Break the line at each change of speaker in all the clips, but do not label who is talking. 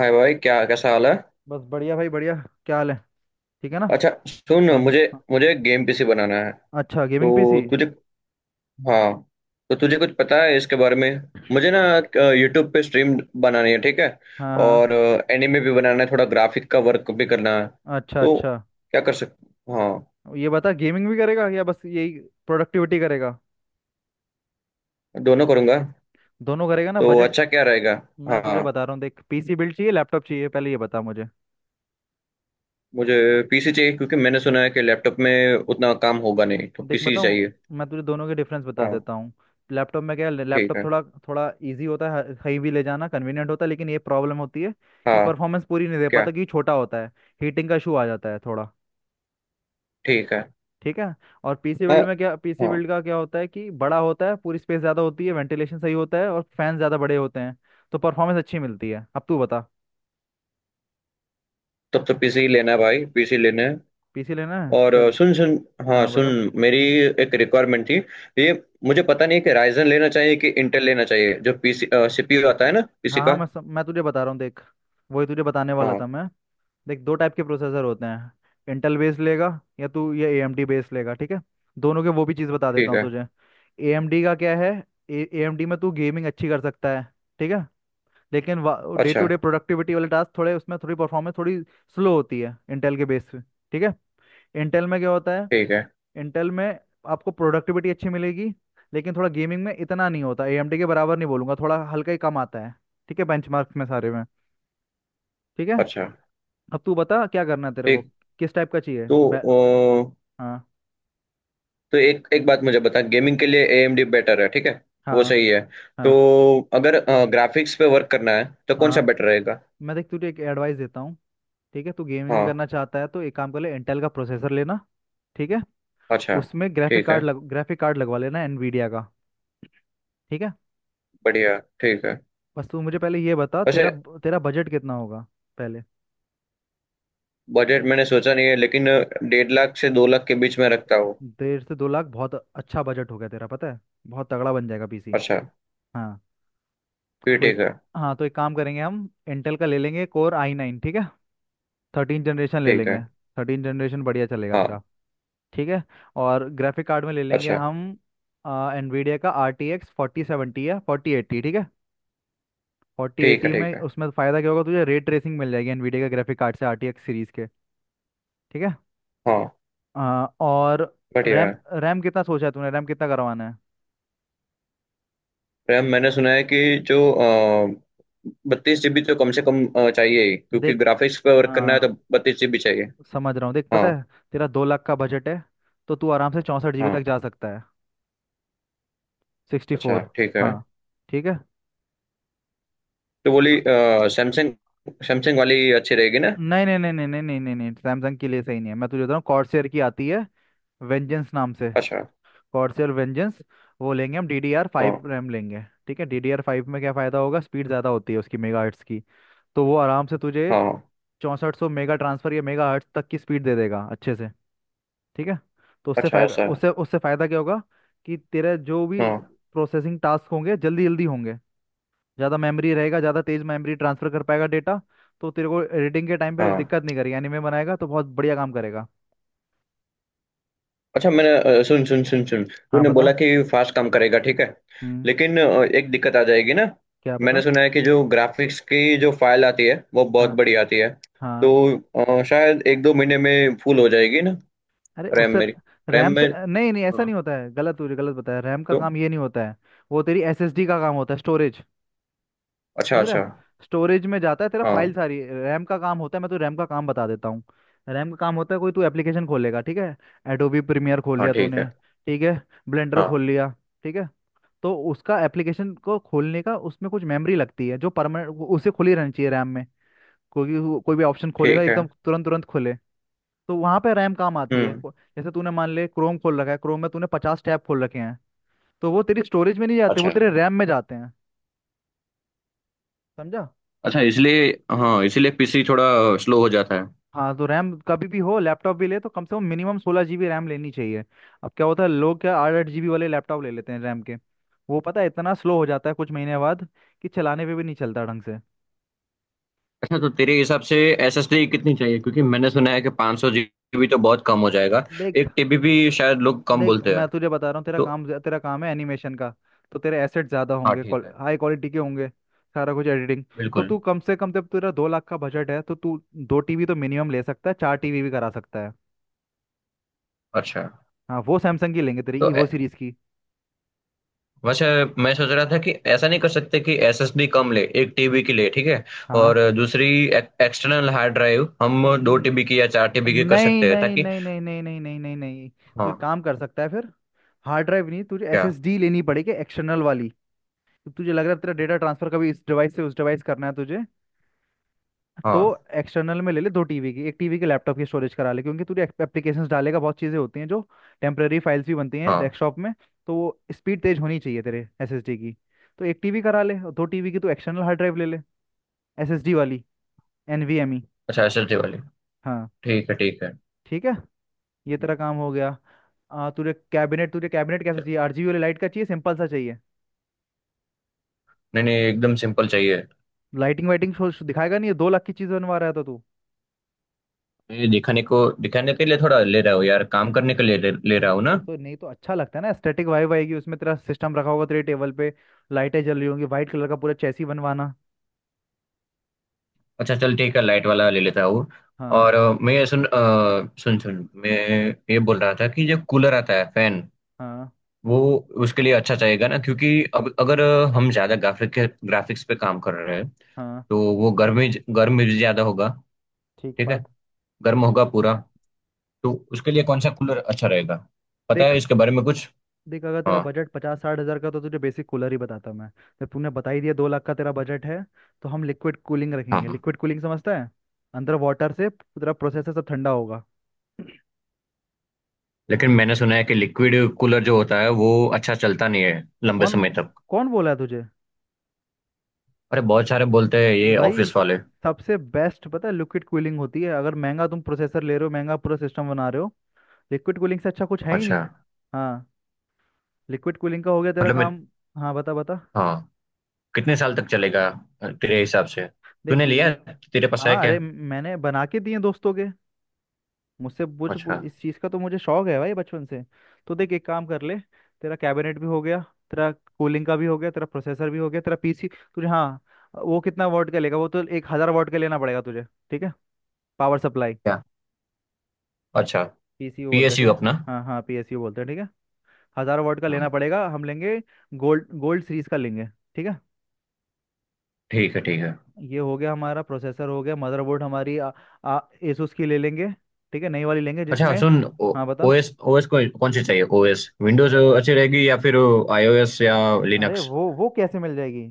हाय भाई, क्या कैसा हाल है।
बस बढ़िया भाई बढ़िया। क्या हाल है। ठीक है ना।
अच्छा सुन,
हाँ।
मुझे
हाँ।
मुझे गेम पीसी बनाना है।
अच्छा, गेमिंग
तो
पीसी।
तुझे हाँ, तो तुझे कुछ पता है इसके बारे में। मुझे ना
अरे।
यूट्यूब पे स्ट्रीम बनानी है, ठीक है।
हाँ, हाँ।
और एनिमे भी बनाना है, थोड़ा ग्राफिक का वर्क भी करना है।
अच्छा,
तो
अच्छा।
क्या कर सक हाँ,
ये बता गेमिंग भी करेगा या बस यही प्रोडक्टिविटी करेगा।
दोनों करूँगा।
दोनों करेगा ना,
तो
बजट?
अच्छा क्या रहेगा।
मैं तुझे
हाँ,
बता रहा हूँ, देख, पीसी बिल्ड चाहिए, लैपटॉप चाहिए, पहले ये बता मुझे।
मुझे पीसी चाहिए क्योंकि मैंने सुना है कि लैपटॉप में उतना काम होगा नहीं, तो
देख,
पीसी
बताऊँ।
चाहिए।
मैं तुझे दोनों के डिफरेंस बता
हाँ
देता हूँ। लैपटॉप में क्या है,
ठीक
लैपटॉप
है।
थोड़ा थोड़ा इजी होता है, कहीं भी ले जाना कन्वीनियंट होता है, लेकिन ये प्रॉब्लम होती है कि
हाँ।
परफॉर्मेंस पूरी नहीं दे
क्या।
पाता क्योंकि छोटा होता है। हीटिंग का इशू आ जाता है थोड़ा।
ठीक है।
ठीक है। और पीसी
हाँ।
बिल्ड में क्या, पीसी
हाँ।
बिल्ड का क्या होता है कि बड़ा होता है, पूरी स्पेस ज्यादा होती है, वेंटिलेशन सही होता है और फैन ज्यादा बड़े होते हैं। तो परफॉर्मेंस अच्छी मिलती है। अब तू बता।
तब तो पीसी ही लेना है भाई, पीसी लेना है।
पीसी लेना है,
और
चल।
सुन सुन। हाँ
हाँ बता।
सुन। मेरी एक रिक्वायरमेंट थी। ये, मुझे पता नहीं है कि राइजन लेना चाहिए कि इंटेल लेना चाहिए, जो पीसी सीपीयू आता है ना पीसी
हाँ, हाँ,
का।
मैं तुझे बता रहा हूँ देख। वही तुझे बताने वाला
हाँ
था मैं। देख, दो टाइप के प्रोसेसर होते हैं। इंटेल बेस लेगा या तू ये AMD बेस लेगा, ठीक है। दोनों के वो भी चीज़ बता देता
ठीक
हूँ
है।
तुझे। एएमडी का क्या है, एएमडी में तू गेमिंग अच्छी कर सकता है, ठीक है। लेकिन डे
अच्छा
टू डे प्रोडक्टिविटी वाले टास्क थोड़े उसमें थोड़ी परफॉर्मेंस थोड़ी स्लो होती है इंटेल के बेस पे। ठीक है। इंटेल में क्या होता है,
ठीक है।
इंटेल में आपको प्रोडक्टिविटी अच्छी मिलेगी। लेकिन थोड़ा गेमिंग में इतना नहीं होता, AMD के बराबर नहीं बोलूंगा, थोड़ा हल्का ही कम आता है। ठीक है, बेंचमार्क्स में सारे में। ठीक है।
अच्छा
अब तू बता क्या करना है तेरे को,
ठीक।
किस टाइप का चाहिए
तो अ,
हाँ,
तो एक एक बात मुझे बता, गेमिंग के लिए एएमडी बेटर है ठीक है। वो
हाँ,
सही है। तो
हाँ,
अगर ग्राफिक्स पे वर्क करना है तो कौन सा
हाँ।
बेटर रहेगा।
मैं, देख, तुझे एक एडवाइस देता हूँ। ठीक है, तू गेमिंग भी
हाँ।
करना चाहता है तो एक काम कर ले, इंटेल का प्रोसेसर लेना। ठीक है।
अच्छा
उसमें ग्राफिक
ठीक है।
कार्ड लग ग्राफिक कार्ड लगवा लेना एनवीडिया का। ठीक है।
बढ़िया ठीक है।
बस तू मुझे पहले ये बता,
वैसे
तेरा तेरा बजट कितना होगा पहले।
बजट मैंने सोचा नहीं है लेकिन 1.5 लाख से 2 लाख के बीच में रखता हूँ।
1.5 से 2 लाख, बहुत अच्छा बजट हो गया तेरा, पता है। बहुत तगड़ा बन जाएगा पीसी।
अच्छा,
हाँ,
फिर
तो
ठीक
एक
है।
हाँ तो एक काम करेंगे, हम इंटेल का ले लेंगे Core i9, ठीक है। 13 जनरेशन ले
ठीक
लेंगे।
है।
13 जनरेशन बढ़िया चलेगा तेरा।
हाँ।
ठीक है। और ग्राफिक कार्ड में ले लेंगे
अच्छा
हम एनवीडिया का RTX 4070 या 4080, ठीक है। फोर्टी
ठीक है।
एटी में,
ठीक है।
उसमें फ़ायदा क्या होगा तुझे, रे ट्रेसिंग मिल जाएगी एनवीडिया के ग्राफिक कार्ड से RTX सीरीज़ के। ठीक है।
हाँ।
अ, और
बढ़िया
रैम
है।
रैम कितना सोचा है तूने, रैम कितना करवाना है?
रैम मैंने सुना है कि जो 32 जीबी तो कम से कम चाहिए ही, क्योंकि
देख।
ग्राफिक्स पे वर्क करना है
हाँ,
तो 32 जीबी चाहिए।
समझ रहा हूँ देख,
हाँ
पता है तेरा 2 लाख का बजट है। तो तू आराम से 64 GB तक
हाँ।
जा सकता है। सिक्सटी
अच्छा
फोर
ठीक है।
हाँ, ठीक है।
तो बोली
हाँ,
सैमसंग, सैमसंग वाली अच्छी रहेगी ना।
नहीं नहीं नहीं नहीं नहीं नहीं नहीं नहीं, सैमसंग के लिए सही नहीं है, मैं तुझे बता रहा हूँ, कॉर्सर की आती है वेंजेंस नाम से।
अच्छा।
Corsair vengeance. वो लेंगे हम, डी डी आर
हाँ
फाइव रैम लेंगे, ठीक है। DDR5 में क्या फ़ायदा होगा, स्पीड ज़्यादा होती है उसकी, मेगा हर्ट्स की। तो वो आराम से तुझे
हाँ।
6400 मेगा ट्रांसफ़र या मेगा हर्ट्स तक की स्पीड दे देगा अच्छे से। ठीक है। तो
अच्छा ऐसा है।
उससे फ़ायदा क्या होगा, कि तेरे जो भी
हाँ
प्रोसेसिंग टास्क होंगे जल्दी जल्दी होंगे। ज़्यादा मेमोरी रहेगा, ज़्यादा तेज़ मेमोरी ट्रांसफ़र कर पाएगा डेटा। तो तेरे को एडिटिंग के टाइम पे
हाँ।
दिक्कत नहीं करेगी, एनिमे बनाएगा तो बहुत बढ़िया काम करेगा।
अच्छा मैंने सुन सुन सुन सुन,
हाँ
तूने
बता।
बोला कि फास्ट काम करेगा ठीक है।
हम्म।
लेकिन एक दिक्कत आ जाएगी ना।
क्या बता।
मैंने सुना है कि जो ग्राफिक्स की जो फाइल आती है वो बहुत
हाँ,
बड़ी आती है। तो
हाँ।
शायद एक दो महीने में फुल हो जाएगी ना,
अरे,
रैम
उससे,
मेरी, रैम
रैम से
में।
नहीं, नहीं ऐसा
हाँ
नहीं होता है, गलत बताया, रैम का
तो।
काम ये नहीं होता है। वो तेरी SSD का काम होता है, स्टोरेज।
अच्छा
समझ रहा
अच्छा।
है? स्टोरेज में जाता है तेरा फाइल
हाँ
सारी, रैम का काम होता है, मैं तो रैम का काम बता देता हूँ। रैम का काम होता है, कोई तू एप्लीकेशन खोलेगा, ठीक है। एडोबी प्रीमियर खोल
हाँ।
लिया
ठीक
तूने।
है।
ठीक है। ब्लेंडर खोल
हाँ
लिया। ठीक है। तो उसका एप्लीकेशन को खोलने का उसमें कुछ मेमोरी लगती है, जो परमानेंट उसे खुली रहनी चाहिए रैम में। कोई कोई भी ऑप्शन खोलेगा
ठीक है।
एकदम तुरंत तुरंत खोले। तो वहां पे रैम काम आती है
हम्म।
जैसे तूने मान ले क्रोम खोल रखा है, क्रोम में तूने 50 टैब खोल रखे हैं। तो वो तेरी स्टोरेज में नहीं जाते, वो
अच्छा
तेरे रैम में जाते हैं। समझा?
अच्छा, इसलिए, हाँ, इसीलिए पीसी थोड़ा स्लो हो जाता है।
हाँ, तो रैम कभी भी हो, लैपटॉप भी ले तो कम से कम मिनिमम 16 GB रैम लेनी चाहिए। अब क्या होता है, लोग क्या 8 8 GB वाले लैपटॉप ले लेते हैं रैम के। वो पता है इतना स्लो हो जाता है कुछ महीने बाद कि चलाने पे भी नहीं चलता ढंग से।
अच्छा तो तेरे हिसाब से एसएसडी कितनी चाहिए, क्योंकि मैंने सुना है कि 500 जीबी तो बहुत कम हो जाएगा।
देख,
एक टीबी भी शायद लोग कम
देख
बोलते हैं।
मैं तुझे बता रहा हूँ, तेरा
तो
काम, तेरा काम है एनिमेशन का। तो तेरे एसेट ज़्यादा
हाँ
होंगे।
ठीक है।
हाई क्वालिटी के होंगे। सारा कुछ एडिटिंग। तो
बिल्कुल।
तू कम से कम, जब तेरा 2 लाख का बजट है, तो तू 2 TB तो मिनिमम ले सकता है, 4 TB भी करा सकता है।
अच्छा।
हाँ, वो सैमसंग की लेंगे तेरी,
तो
ईवो
ए-
सीरीज की।
वैसे मैं सोच रहा था कि ऐसा नहीं कर सकते कि एसएसडी कम ले, 1 टीबी की ले ठीक है।
हाँ।
और दूसरी एक्सटर्नल हार्ड ड्राइव हम दो
न-
टीबी की या 4 टीबी की कर
नहीं
सकते हैं
नहीं
ताकि।
नहीं नहीं नहीं नहीं नहीं नहीं नहीं। तो एक
हाँ।
काम कर सकता है फिर। हार्ड ड्राइव नहीं, तुझे
क्या।
SSD लेनी पड़ेगी एक्सटर्नल वाली। तो तुझे लग रहा है तेरा डेटा ट्रांसफर कभी इस डिवाइस से उस डिवाइस करना है तुझे। तो
हाँ
एक्सटर्नल में ले ले 2 TB की, 1 TB के लैपटॉप की स्टोरेज करा ले, क्योंकि तू एप्लीकेशंस डालेगा, बहुत चीज़ें होती हैं जो टेम्प्रेरी फाइल्स भी बनती हैं
हाँ।
डेस्कटॉप में। तो वो स्पीड तेज होनी चाहिए तेरे SSD की। तो 1 TB करा ले और 2 TB की तू एक्सटर्नल हार्ड ड्राइव ले ले SSD वाली, NVMe।
अच्छा एसएसडी वाली।
हाँ,
ठीक है ठीक है।
ठीक है। ये
हम्म।
तेरा काम हो गया। तुझे कैबिनेट, कैसा
चल।
चाहिए, RGB वाली लाइट का चाहिए, सिंपल सा चाहिए?
नहीं नहीं, एकदम सिंपल चाहिए।
लाइटिंग वाइटिंग दिखाएगा नहीं? ये 2 लाख की चीज़ बनवा रहा था तू।
ये दिखाने के लिए थोड़ा ले रहा हूँ यार, काम करने के लिए ले
और
रहा
तो,
हूँ
और
ना।
तो नहीं, तो अच्छा लगता है ना, स्टैटिक वाइब आएगी उसमें, तेरा सिस्टम रखा होगा तेरे टेबल पे। लाइटें जल रही होंगी, वाइट कलर का पूरा चेसी बनवाना।
अच्छा चल ठीक है, लाइट वाला ले लेता हूँ।
हाँ,
और मैं ये सुन सुन, मैं ये बोल रहा था कि जो कूलर आता है फैन,
हाँ,
वो उसके लिए अच्छा चाहिएगा ना, क्योंकि अब अगर हम ज्यादा ग्राफिक्स पे काम कर रहे हैं
हाँ।
तो वो गर्म ही, गर्म भी ज्यादा होगा,
ठीक
ठीक है,
बात।
गर्म होगा पूरा। तो उसके लिए कौन सा कूलर अच्छा रहेगा, पता है
देख,
इसके बारे में कुछ।
देख अगर तेरा
हाँ
बजट 50-60 हज़ार का तो तुझे बेसिक कूलर ही बताता मैं। जब तूने बता ही दिया 2 लाख का तेरा बजट है, तो हम लिक्विड कूलिंग
हाँ
रखेंगे,
हाँ।
लिक्विड कूलिंग समझता है? अंदर वाटर से तेरा प्रोसेसर सब ठंडा होगा।
लेकिन मैंने सुना है कि लिक्विड कूलर जो होता है वो अच्छा चलता नहीं है लंबे
कौन
समय
बो-
तक।
कौन बोला है तुझे?
अरे बहुत सारे बोलते हैं, ये
भाई,
ऑफिस वाले।
सबसे बेस्ट पता है लिक्विड कूलिंग होती है, अगर महंगा तुम प्रोसेसर ले रहे हो, महंगा पूरा सिस्टम बना रहे हो, लिक्विड कूलिंग से अच्छा कुछ है ही
अच्छा।
नहीं। हाँ। लिक्विड कूलिंग का हो गया तेरा
मतलब मैं,
काम। हाँ, बता, बता।
हाँ, कितने साल तक चलेगा तेरे हिसाब से।
देख
तूने लिया
लि...
है? तेरे पास है
हाँ,
क्या।
अरे मैंने बना के दिए दोस्तों के।
अच्छा।
इस चीज़ का तो मुझे शौक है भाई बचपन से। तो देख, एक काम कर ले। तेरा कैबिनेट भी हो गया। तेरा कूलिंग का भी हो गया, तेरा प्रोसेसर भी हो गया, तेरा पीसी। तुझे, हाँ। वो कितना वाट का लेगा, वो तो 1000 वाट का लेना पड़ेगा तुझे। ठीक है। Power supply.
क्या। अच्छा।
पीसीयू बोलते हैं, ठीक
पीएसयू
है।
अपना।
हाँ हाँ, PSU बोलते हैं, ठीक है। 1000 वाट का लेना
हम्म।
पड़ेगा, हम लेंगे। गोल्ड, गोल्ड सीरीज का लेंगे। ठीक है।
ठीक है ठीक है।
ये हो गया, हमारा प्रोसेसर हो गया, मदरबोर्ड हमारी आ, आ, Asus की ले लेंगे। ठीक है, नई वाली लेंगे
अच्छा
जिसमें।
सुन,
हाँ बता।
ओएस ओएस कौन कौन सी चाहिए, ओएस, विंडोज
वो-
अच्छी रहेगी या फिर आईओएस या
अरे
लिनक्स।
वो कैसे मिल जाएगी।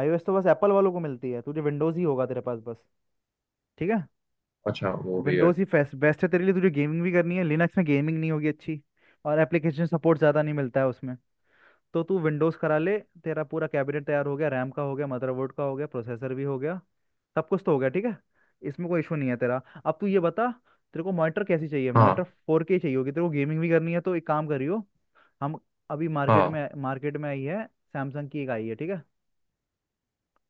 iOS तो बस एप्पल वालों को मिलती है, तुझे विंडोज़ ही होगा तेरे पास बस। ठीक है।
अच्छा वो भी है।
विंडोज़ ही फेस्ट बेस्ट है तेरे लिए, तुझे गेमिंग भी करनी है, लिनक्स में गेमिंग नहीं होगी अच्छी। और एप्लीकेशन सपोर्ट ज़्यादा नहीं मिलता है उसमें। तो तू विंडोज़ करा ले। तेरा पूरा कैबिनेट तैयार हो गया, रैम का हो गया, मदरबोर्ड का हो गया, प्रोसेसर भी हो गया, सब कुछ तो हो गया, ठीक है। इसमें कोई इशू नहीं है तेरा। अब तू ये बता, तेरे को मॉनिटर कैसी चाहिए, मॉनिटर
हाँ
फोर के चाहिए होगी तेरे को, गेमिंग भी करनी है तो एक काम करियो। हम अभी
हाँ
मार्केट में आई है, सैमसंग की एक आई है, ठीक है।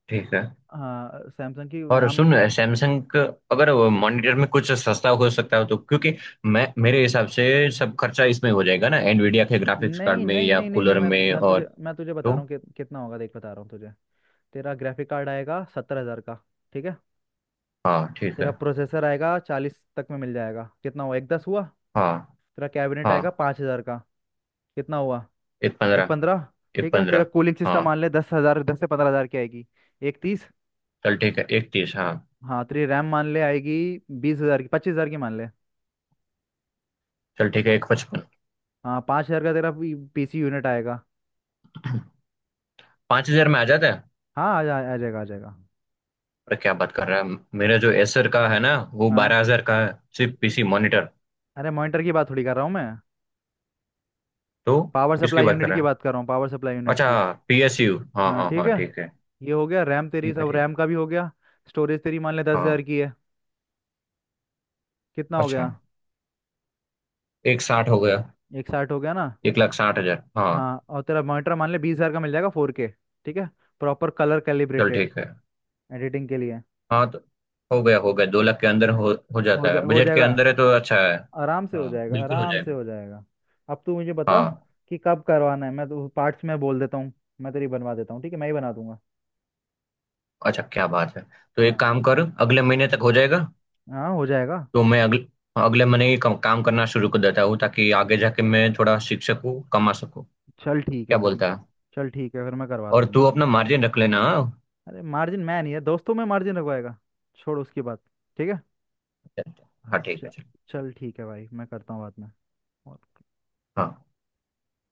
ठीक है।
हाँ सैमसंग की
और
नाम।
सुन सैमसंग, अगर
हाँ
मॉनिटर में कुछ सस्ता हो सकता हो तो, क्योंकि मैं मेरे हिसाब से सब खर्चा इसमें हो जाएगा ना, एनवीडिया के ग्राफिक्स कार्ड
नहीं
में
नहीं
या
नहीं नहीं नहीं,
कूलर
मैं
में,
मैं
और
तुझे मैं तुझे बता
तो।
रहा हूँ कितना होगा, देख बता रहा हूँ तुझे। तेरा ग्राफिक कार्ड आएगा 70 हज़ार का। ठीक है।
हाँ ठीक
तेरा
है।
प्रोसेसर आएगा 40 तक में मिल जाएगा, कितना हुआ, 1,10 हुआ।
हाँ
तेरा कैबिनेट आएगा
हाँ।
5 हज़ार का। कितना हुआ,
एक
एक
पंद्रह।
पंद्रह
एक
ठीक है, तेरा
पंद्रह।
कूलिंग सिस्टम
हाँ।
मान ले 10 हज़ार, 10 से 15 हज़ार की आएगी। 1,30।
चल ठीक है, एक तीस। हाँ।
हाँ तेरी रैम मान ले आएगी 20 हज़ार की, 25 हज़ार की मान ले।
चल ठीक है, एक पचपन।
हाँ, 5 हज़ार का तेरा पीसी यूनिट आएगा।
5 हज़ार में आ जाता है?
हाँ, आ जाएगा, आ जाएगा।
अरे क्या बात कर रहा है, मेरा जो एसर का है ना वो
हाँ,
12 हज़ार का है, सिर्फ पीसी मॉनिटर।
अरे मॉनिटर की बात थोड़ी कर रहा हूँ मैं।
तो
पावर
किसकी
सप्लाई
बात कर
यूनिट
रहा
की
है।
बात कर रहा हूँ, पावर सप्लाई यूनिट
अच्छा,
की।
पीएसयू, हाँ
हाँ
हाँ
ठीक
हाँ
है।
ठीक है।
ये हो गया रैम तेरी,
ठीक है
सब
ठीक।
रैम का भी हो गया। स्टोरेज तेरी मान ले 10 हज़ार
हाँ।
की है। कितना हो
अच्छा,
गया।
एक साठ हो गया।
1,60 हो गया ना।
1,60,000, हाँ।
हाँ और तेरा मॉनिटर मान ले 20 हज़ार का मिल जाएगा, फोर के। ठीक है, प्रॉपर कलर
चल
कैलिब्रेटेड,
ठीक है।
एडिटिंग के लिए।
हाँ तो हो गया हो गया, 2 लाख के अंदर हो जाता है,
हो
बजट के
जाएगा,
अंदर है तो अच्छा है।
आराम से हो
हाँ
जाएगा,
बिल्कुल हो
आराम से
जाएगा।
हो जाएगा। अब तू मुझे बता
हाँ।
कि कब करवाना है, मैं तो पार्ट्स में बोल देता हूँ, मैं तेरी बनवा देता हूँ, ठीक है, मैं ही बना दूंगा।
अच्छा क्या बात है, तो एक
हाँ,
काम कर, अगले महीने तक हो जाएगा।
हाँ हो जाएगा।
तो मैं अगले अगले महीने ही काम काम करना शुरू कर देता हूँ, ताकि आगे जाके मैं थोड़ा सीख सकूँ, कमा सकूँ।
चल ठीक है
क्या
फिर।
बोलता है।
चल ठीक है फिर, मैं करवा
और
दूंगा।
तू अपना मार्जिन रख लेना, हाँ।
अरे, मार्जिन मैं नहीं है दोस्तों में, मार्जिन रखवाएगा, छोड़ उसकी बात। ठीक है।
हाँ, ठीक है
च-
चल।
चल ठीक है भाई, मैं करता हूँ बात में।
हाँ।